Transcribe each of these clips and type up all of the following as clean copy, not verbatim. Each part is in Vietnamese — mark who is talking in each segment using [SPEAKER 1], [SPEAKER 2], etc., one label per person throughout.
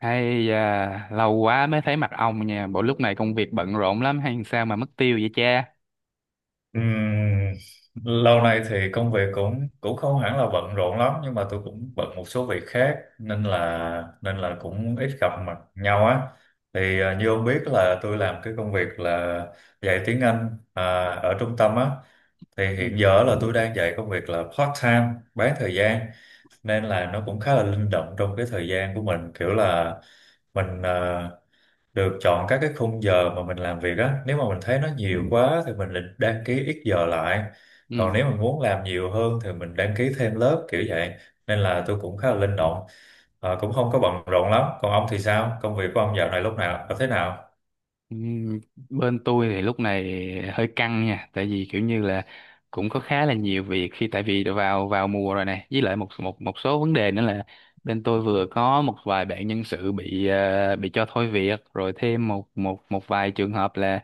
[SPEAKER 1] Hay da, lâu quá mới thấy mặt ông nha. Bộ lúc này công việc bận rộn lắm hay sao mà mất tiêu vậy cha?
[SPEAKER 2] Ừm, lâu nay thì công việc cũng cũng không hẳn là bận rộn lắm, nhưng mà tôi cũng bận một số việc khác nên là cũng ít gặp mặt nhau á. Thì như ông biết là tôi làm cái công việc là dạy tiếng Anh, ở trung tâm á. Thì
[SPEAKER 1] Ừ.
[SPEAKER 2] hiện giờ là tôi đang dạy công việc là part time, bán thời gian, nên là nó cũng khá là linh động trong cái thời gian của mình, kiểu là mình được chọn các cái khung giờ mà mình làm việc á. Nếu mà mình thấy nó nhiều quá thì mình định đăng ký ít giờ lại, còn
[SPEAKER 1] Ừ.
[SPEAKER 2] nếu mình muốn làm nhiều hơn thì mình đăng ký thêm lớp, kiểu vậy. Nên là tôi cũng khá là linh động. Ờ, cũng không có bận rộn lắm. Còn ông thì sao, công việc của ông dạo này lúc nào thế nào?
[SPEAKER 1] Ừm, bên tôi thì lúc này hơi căng nha, tại vì kiểu như là cũng có khá là nhiều việc khi tại vì vào vào mùa rồi này, với lại một một một số vấn đề nữa là bên tôi vừa có một vài bạn nhân sự bị cho thôi việc, rồi thêm một một một vài trường hợp là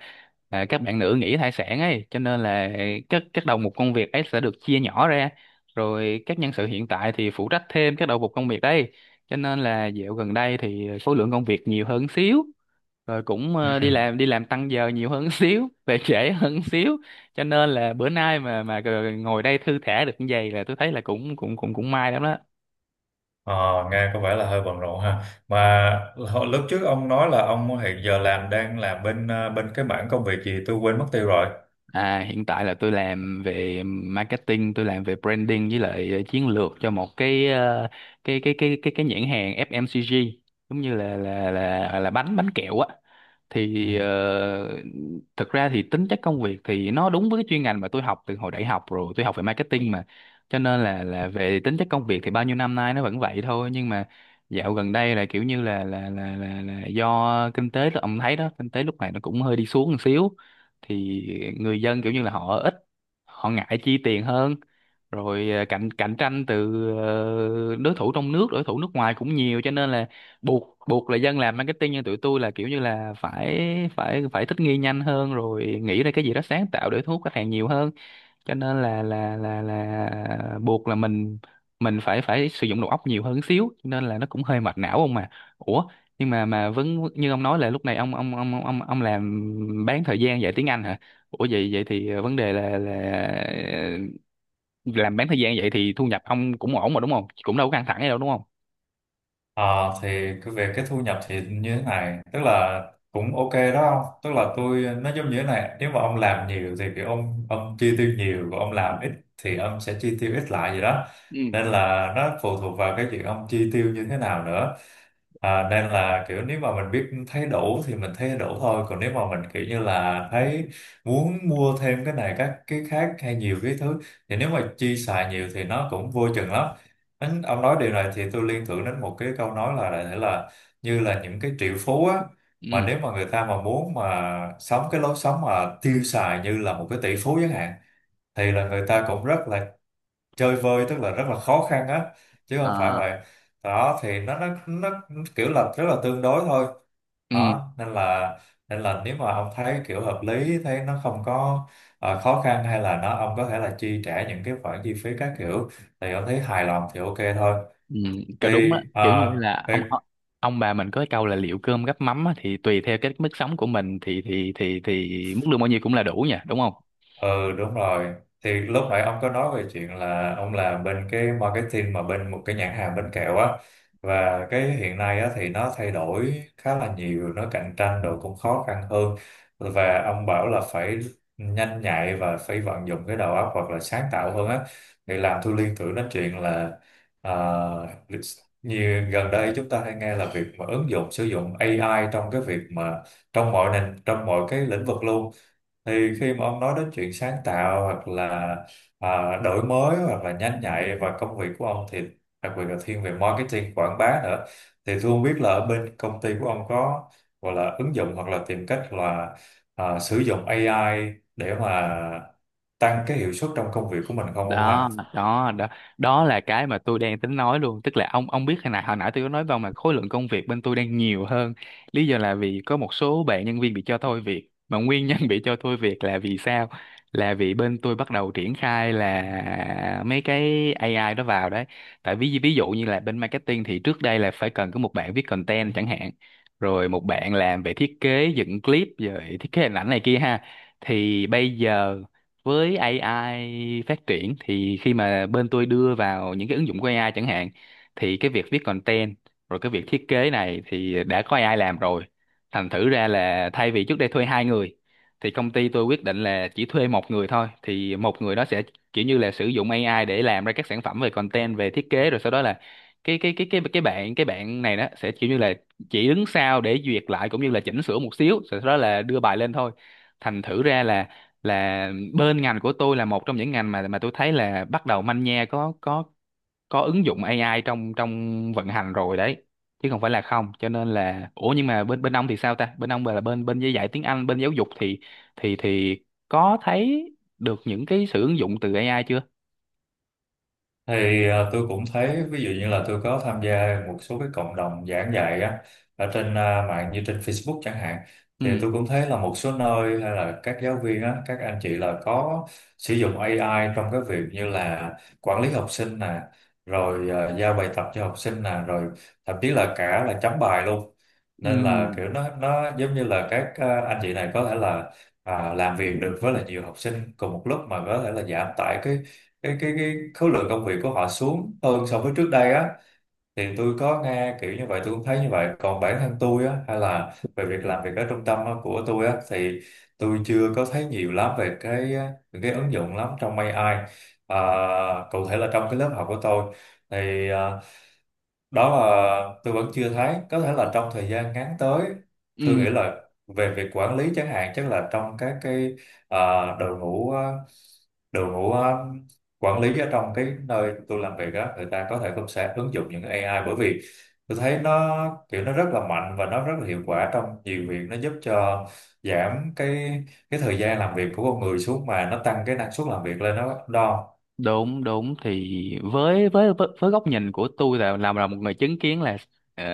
[SPEAKER 1] à, các bạn nữ nghỉ thai sản ấy, cho nên là các đầu mục công việc ấy sẽ được chia nhỏ ra, rồi các nhân sự hiện tại thì phụ trách thêm các đầu mục công việc đấy, cho nên là dạo gần đây thì số lượng công việc nhiều hơn xíu, rồi cũng
[SPEAKER 2] Ừ.
[SPEAKER 1] ờ,
[SPEAKER 2] Ừ.
[SPEAKER 1] đi làm tăng giờ nhiều hơn xíu, về trễ hơn xíu, cho nên là bữa nay mà ngồi đây thư thả được như vậy là tôi thấy là cũng cũng cũng cũng may lắm đó.
[SPEAKER 2] Ờ, nghe có vẻ là hơi bận rộn ha. Mà lúc trước ông nói là ông hiện giờ đang làm bên cái mảng công việc gì tôi quên mất tiêu rồi.
[SPEAKER 1] À, hiện tại là tôi làm về marketing, tôi làm về branding, với lại chiến lược cho một cái nhãn hàng FMCG, giống như là bánh bánh kẹo á.
[SPEAKER 2] Ừ.
[SPEAKER 1] Thì thực ra thì tính chất công việc thì nó đúng với cái chuyên ngành mà tôi học từ hồi đại học rồi, tôi học về marketing mà. Cho nên là về tính chất công việc thì bao nhiêu năm nay nó vẫn vậy thôi, nhưng mà dạo gần đây là kiểu như là do kinh tế ông thấy đó, kinh tế lúc này nó cũng hơi đi xuống một xíu, thì người dân kiểu như là họ ít, họ ngại chi tiền hơn, rồi cạnh cạnh tranh từ đối thủ trong nước, đối thủ nước ngoài cũng nhiều, cho nên là buộc buộc là dân làm marketing như tụi tôi là kiểu như là phải phải phải thích nghi nhanh hơn rồi nghĩ ra cái gì đó sáng tạo để thu hút khách hàng nhiều hơn, cho nên là buộc là mình phải phải sử dụng đầu óc nhiều hơn xíu, cho nên là nó cũng hơi mệt não ông mà. Ủa, nhưng mà vẫn như ông nói là lúc này ông làm bán thời gian dạy tiếng Anh hả? Ủa, vậy vậy thì vấn đề là làm bán thời gian vậy thì thu nhập ông cũng ổn mà đúng không, cũng đâu có căng thẳng gì đâu đúng không?
[SPEAKER 2] Ờ, thì cái về cái thu nhập thì như thế này, tức là cũng ok đó ông. Tức là tôi, nó giống như thế này, nếu mà ông làm nhiều thì kiểu ông chi tiêu nhiều, và ông làm ít thì ông sẽ chi tiêu ít lại gì đó.
[SPEAKER 1] Ừ.
[SPEAKER 2] Nên là nó phụ thuộc vào cái chuyện ông chi tiêu như thế nào nữa. Nên là, kiểu nếu mà mình biết thấy đủ thì mình thấy đủ thôi, còn nếu mà mình kiểu như là thấy muốn mua thêm cái này các cái khác hay nhiều cái thứ, thì nếu mà chi xài nhiều thì nó cũng vô chừng lắm. Ông nói điều này thì tôi liên tưởng đến một cái câu nói là đại thể là như là những cái triệu phú á, mà
[SPEAKER 1] Ừ.
[SPEAKER 2] nếu mà người ta mà muốn mà sống cái lối sống mà tiêu xài như là một cái tỷ phú chẳng hạn, thì là người ta cũng rất là chơi vơi, tức là rất là khó khăn á, chứ không phải
[SPEAKER 1] À.
[SPEAKER 2] vậy. Đó thì nó kiểu là rất là tương đối thôi.
[SPEAKER 1] Ừ.
[SPEAKER 2] Đó,
[SPEAKER 1] À.
[SPEAKER 2] nên là nếu mà ông thấy kiểu hợp lý, thấy nó không có khó khăn, hay là nó, ông có thể là chi trả những cái khoản chi phí các kiểu, thì ông thấy hài lòng thì ok thôi.
[SPEAKER 1] Ừ, cái đúng
[SPEAKER 2] thì
[SPEAKER 1] á, kiểu
[SPEAKER 2] à,
[SPEAKER 1] như là
[SPEAKER 2] thì
[SPEAKER 1] ông, bà mình có cái câu là liệu cơm gắp mắm á, thì tùy theo cái mức sống của mình thì thì mức lương bao nhiêu cũng là đủ nha đúng không?
[SPEAKER 2] ừ đúng rồi. Thì lúc nãy ông có nói về chuyện là ông làm bên cái marketing, mà bên một cái nhãn hàng bánh kẹo á, và cái hiện nay á thì nó thay đổi khá là nhiều, nó cạnh tranh rồi cũng khó khăn hơn, và ông bảo là phải nhanh nhạy và phải vận dụng cái đầu óc hoặc là sáng tạo hơn á. Thì làm tôi liên tưởng đến chuyện là, à, như gần đây chúng ta hay nghe là việc mà ứng dụng sử dụng AI trong cái việc mà, trong mọi nền, trong mọi cái lĩnh vực luôn. Thì khi mà ông nói đến chuyện sáng tạo hoặc là đổi mới hoặc là nhanh nhạy, và công việc của ông thì đặc biệt là thiên về marketing quảng bá nữa, thì tôi không biết là ở bên công ty của ông có gọi là ứng dụng hoặc là tìm cách là sử dụng AI để mà tăng cái hiệu suất trong công việc của mình không ông
[SPEAKER 1] Đó.
[SPEAKER 2] ha?
[SPEAKER 1] Đó. Đó, đó là cái mà tôi đang tính nói luôn, tức là ông biết hồi nãy, tôi có nói vào mà khối lượng công việc bên tôi đang nhiều hơn, lý do là vì có một số bạn nhân viên bị cho thôi việc, mà nguyên nhân bị cho thôi việc là vì sao, là vì bên tôi bắt đầu triển khai là mấy cái AI đó vào đấy. Tại ví ví dụ như là bên marketing thì trước đây là phải cần có một bạn viết content chẳng hạn, rồi một bạn làm về thiết kế dựng clip rồi thiết kế hình ảnh này kia ha, thì bây giờ với AI phát triển thì khi mà bên tôi đưa vào những cái ứng dụng của AI chẳng hạn, thì cái việc viết content rồi cái việc thiết kế này thì đã có AI làm rồi. Thành thử ra là thay vì trước đây thuê hai người thì công ty tôi quyết định là chỉ thuê một người thôi, thì một người đó sẽ kiểu như là sử dụng AI để làm ra các sản phẩm về content, về thiết kế, rồi sau đó là cái bạn này đó sẽ kiểu như là chỉ đứng sau để duyệt lại cũng như là chỉnh sửa một xíu rồi sau đó là đưa bài lên thôi. Thành thử ra là bên ngành của tôi là một trong những ngành mà tôi thấy là bắt đầu manh nha có ứng dụng AI trong trong vận hành rồi đấy, chứ không phải là không. Cho nên là, ủa, nhưng mà bên bên ông thì sao ta, bên ông là bên bên dạy tiếng Anh, bên giáo dục, thì có thấy được những cái sự ứng dụng từ AI chưa?
[SPEAKER 2] Thì tôi cũng thấy, ví dụ như là tôi có tham gia một số cái cộng đồng giảng dạy á, ở trên mạng, như trên Facebook chẳng hạn.
[SPEAKER 1] Ừ.
[SPEAKER 2] Thì tôi cũng thấy là một số nơi, hay là các giáo viên á, các anh chị là có sử dụng AI trong cái việc như là quản lý học sinh nè, rồi giao bài tập cho học sinh nè, rồi thậm chí là cả là chấm bài luôn.
[SPEAKER 1] Ừ.
[SPEAKER 2] Nên là kiểu nó giống như là các anh chị này có thể là làm việc được với là nhiều học sinh cùng một lúc, mà có thể là giảm tải cái khối lượng công việc của họ xuống, hơn so với trước đây á. Thì tôi có nghe kiểu như vậy, tôi cũng thấy như vậy. Còn bản thân tôi á, hay là về việc làm việc ở trung tâm á, của tôi á, thì tôi chưa có thấy nhiều lắm về cái, những cái ứng dụng lắm trong AI. à, Cụ thể là trong cái lớp học của tôi thì, đó là tôi vẫn chưa thấy. Có thể là trong thời gian ngắn tới, tôi nghĩ
[SPEAKER 1] Ừ.
[SPEAKER 2] là về việc quản lý chẳng hạn, chắc là trong các cái, à, đội ngũ đội ngũ quản lý ở trong cái nơi tôi làm việc á, người ta có thể cũng sẽ ứng dụng những cái AI, bởi vì tôi thấy nó, kiểu nó rất là mạnh và nó rất là hiệu quả trong nhiều việc, nó giúp cho giảm cái thời gian làm việc của con người xuống, mà nó tăng cái năng suất làm việc lên đó đó.
[SPEAKER 1] đúng đúng thì với góc nhìn của tôi là làm là một người chứng kiến là ờ,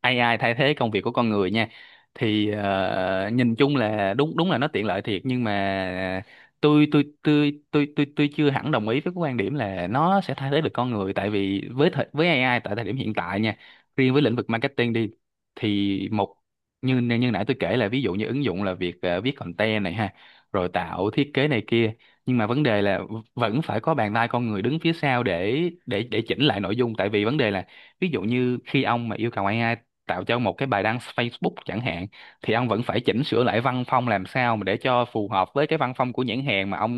[SPEAKER 1] AI thay thế công việc của con người nha, thì nhìn chung là đúng, đúng là nó tiện lợi thiệt, nhưng mà tôi chưa hẳn đồng ý với cái quan điểm là nó sẽ thay thế được con người, tại vì với AI tại thời điểm hiện tại nha, riêng với lĩnh vực marketing đi, thì một, như như nãy tôi kể là ví dụ như ứng dụng là việc viết content này ha, rồi tạo thiết kế này kia, nhưng mà vấn đề là vẫn phải có bàn tay con người đứng phía sau để chỉnh lại nội dung. Tại vì vấn đề là ví dụ như khi ông mà yêu cầu AI tạo cho một cái bài đăng Facebook chẳng hạn, thì ông vẫn phải chỉnh sửa lại văn phong làm sao mà để cho phù hợp với cái văn phong của nhãn hàng mà ông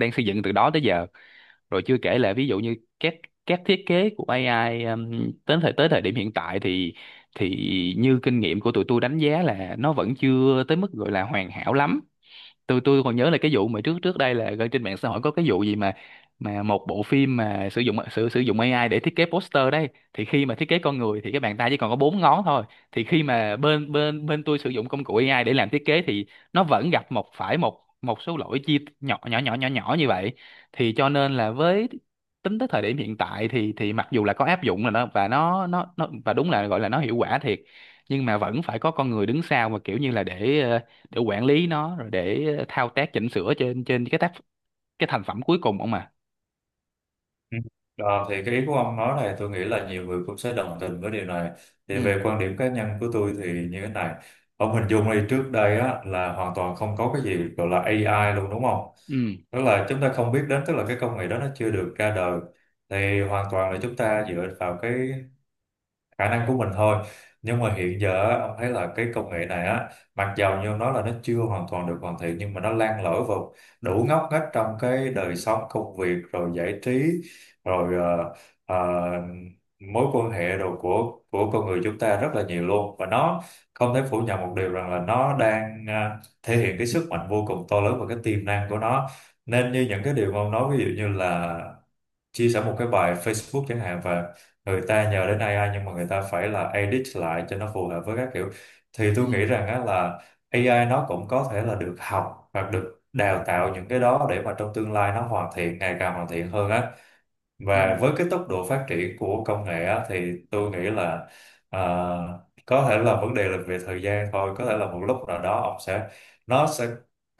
[SPEAKER 1] đang xây dựng từ đó tới giờ. Rồi chưa kể là ví dụ như các thiết kế của AI, đến thời điểm hiện tại, thì thì như kinh nghiệm của tụi tôi đánh giá là nó vẫn chưa tới mức gọi là hoàn hảo lắm. Tôi còn nhớ là cái vụ mà trước trước đây là gần trên mạng xã hội có cái vụ gì mà một bộ phim mà sử dụng AI để thiết kế poster đấy, thì khi mà thiết kế con người thì cái bàn tay chỉ còn có bốn ngón thôi. Thì khi mà bên bên bên tôi sử dụng công cụ AI để làm thiết kế thì nó vẫn gặp phải một một số lỗi chi nhỏ nhỏ nhỏ nhỏ nhỏ như vậy. Thì cho nên là với, tính tới thời điểm hiện tại thì mặc dù là có áp dụng là nó, và nó và đúng là gọi là nó hiệu quả thiệt, nhưng mà vẫn phải có con người đứng sau mà kiểu như là để để quản lý nó, rồi để thao tác chỉnh sửa trên, cái thành phẩm cuối cùng không mà.
[SPEAKER 2] Ừ. Ờ, thì cái ý của ông nói này, tôi nghĩ là nhiều người cũng sẽ đồng tình với điều này. Thì
[SPEAKER 1] Ừ.
[SPEAKER 2] về quan điểm cá nhân của tôi thì như thế này: ông hình dung đi, trước đây á, là hoàn toàn không có cái gì gọi là AI luôn, đúng không?
[SPEAKER 1] Ừ.
[SPEAKER 2] Tức là chúng ta không biết đến, tức là cái công nghệ đó nó chưa được ra đời, thì hoàn toàn là chúng ta dựa vào cái khả năng của mình thôi. Nhưng mà hiện giờ á, ông thấy là cái công nghệ này á, mặc dầu như ông nói là nó chưa hoàn toàn được hoàn thiện, nhưng mà nó lan lỡ vào đủ ngóc ngách trong cái đời sống, công việc, rồi giải trí, rồi ờ, ờ, mối quan hệ đồ của con người chúng ta rất là nhiều luôn, và nó không thể phủ nhận một điều rằng là nó đang thể hiện cái sức mạnh vô cùng to lớn và cái tiềm năng của nó. Nên như những cái điều mà ông nói, ví dụ như là chia sẻ một cái bài Facebook chẳng hạn, và người ta nhờ đến AI, nhưng mà người ta phải là edit lại cho nó phù hợp với các kiểu, thì tôi nghĩ
[SPEAKER 1] Ừ.
[SPEAKER 2] rằng á là AI nó cũng có thể là được học hoặc được đào tạo những cái đó, để mà trong tương lai nó hoàn thiện, ngày càng hoàn thiện hơn á.
[SPEAKER 1] Ừ.
[SPEAKER 2] Và với cái tốc độ phát triển của công nghệ á, thì tôi nghĩ là, à, có thể là vấn đề là về thời gian thôi, có thể là một lúc nào đó ông sẽ nó sẽ,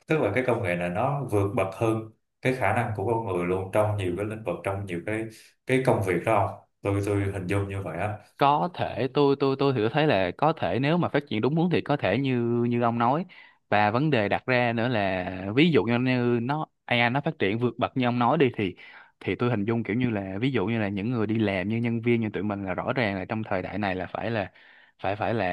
[SPEAKER 2] tức là cái công nghệ này nó vượt bậc hơn cái khả năng của con người luôn, trong nhiều cái lĩnh vực, trong nhiều cái công việc đó, không? Tôi hình dung như vậy á.
[SPEAKER 1] Có thể, tôi thì tôi thấy là có thể nếu mà phát triển đúng hướng thì có thể như như ông nói. Và vấn đề đặt ra nữa là ví dụ như như nó AI nó phát triển vượt bậc như ông nói đi, thì tôi hình dung kiểu như là ví dụ như là những người đi làm như nhân viên như tụi mình là rõ ràng là trong thời đại này là phải phải là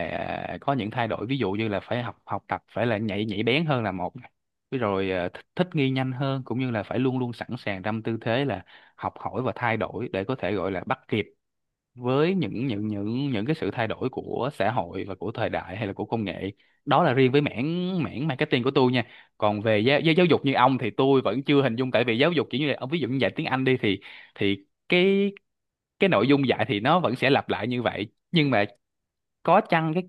[SPEAKER 1] à, có những thay đổi, ví dụ như là phải học học tập, phải là nhạy nhạy bén hơn là một này. Với rồi, thích nghi nhanh hơn, cũng như là phải luôn luôn sẵn sàng trong tư thế là học hỏi và thay đổi để có thể gọi là bắt kịp với những cái sự thay đổi của xã hội và của thời đại hay là của công nghệ. Đó là riêng với mảng mảng marketing của tôi nha, còn về giáo dục như ông thì tôi vẫn chưa hình dung, tại vì giáo dục kiểu như là ông, ví dụ như dạy tiếng Anh đi, thì thì cái cái nội dung dạy thì nó vẫn sẽ lặp lại như vậy nhưng mà có chăng cái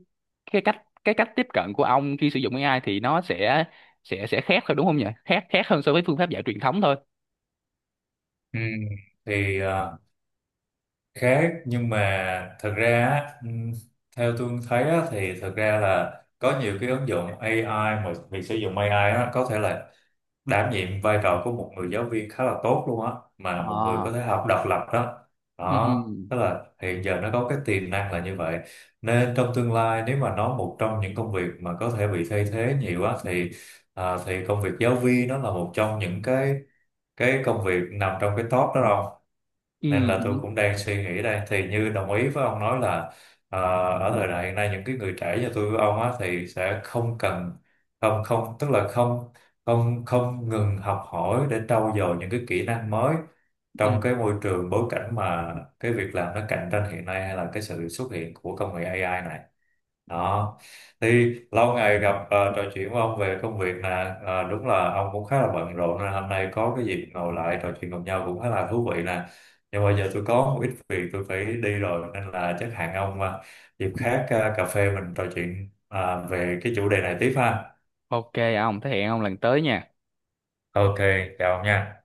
[SPEAKER 1] cách tiếp cận của ông khi sử dụng AI thì nó sẽ khác thôi đúng không nhỉ, khác khác hơn so với phương pháp dạy truyền thống thôi.
[SPEAKER 2] Ừ. Thì à, Khác, nhưng mà thật ra á, theo tôi thấy á, thì thật ra là có nhiều cái ứng dụng AI, mà việc sử dụng AI á, có thể là đảm nhiệm vai trò của một người giáo viên khá là tốt luôn á, mà một người
[SPEAKER 1] Ờ.
[SPEAKER 2] có thể học độc lập đó.
[SPEAKER 1] Ừ.
[SPEAKER 2] Đó, tức là hiện giờ nó có cái tiềm năng là như vậy. Nên trong tương lai, nếu mà nó, một trong những công việc mà có thể bị thay thế nhiều á, thì công việc giáo viên nó là một trong những cái công việc nằm trong cái top đó rồi.
[SPEAKER 1] Ừ.
[SPEAKER 2] Nên là tôi
[SPEAKER 1] Ừ.
[SPEAKER 2] cũng đang suy nghĩ đây, thì như đồng ý với ông nói là, ờ, ở thời đại hiện nay, những cái người trẻ như tôi với ông á thì sẽ không cần không không tức là không không không ngừng học hỏi để trau dồi những cái kỹ năng mới,
[SPEAKER 1] Ừ.
[SPEAKER 2] trong cái môi trường bối cảnh mà cái việc làm nó cạnh tranh hiện nay, hay là cái sự xuất hiện của công nghệ AI này. Đó, thì lâu ngày gặp, trò chuyện với ông về công việc nè, đúng là ông cũng khá là bận rộn, nên hôm nay có cái dịp ngồi lại trò chuyện cùng nhau cũng khá là thú vị nè. Nhưng mà giờ tôi có một ít việc tôi phải đi rồi, nên là chắc hẹn ông, dịp khác, cà phê mình trò chuyện, về cái chủ đề này tiếp ha.
[SPEAKER 1] OK ông, thế hẹn ông lần tới nha.
[SPEAKER 2] Ok, chào ông nha.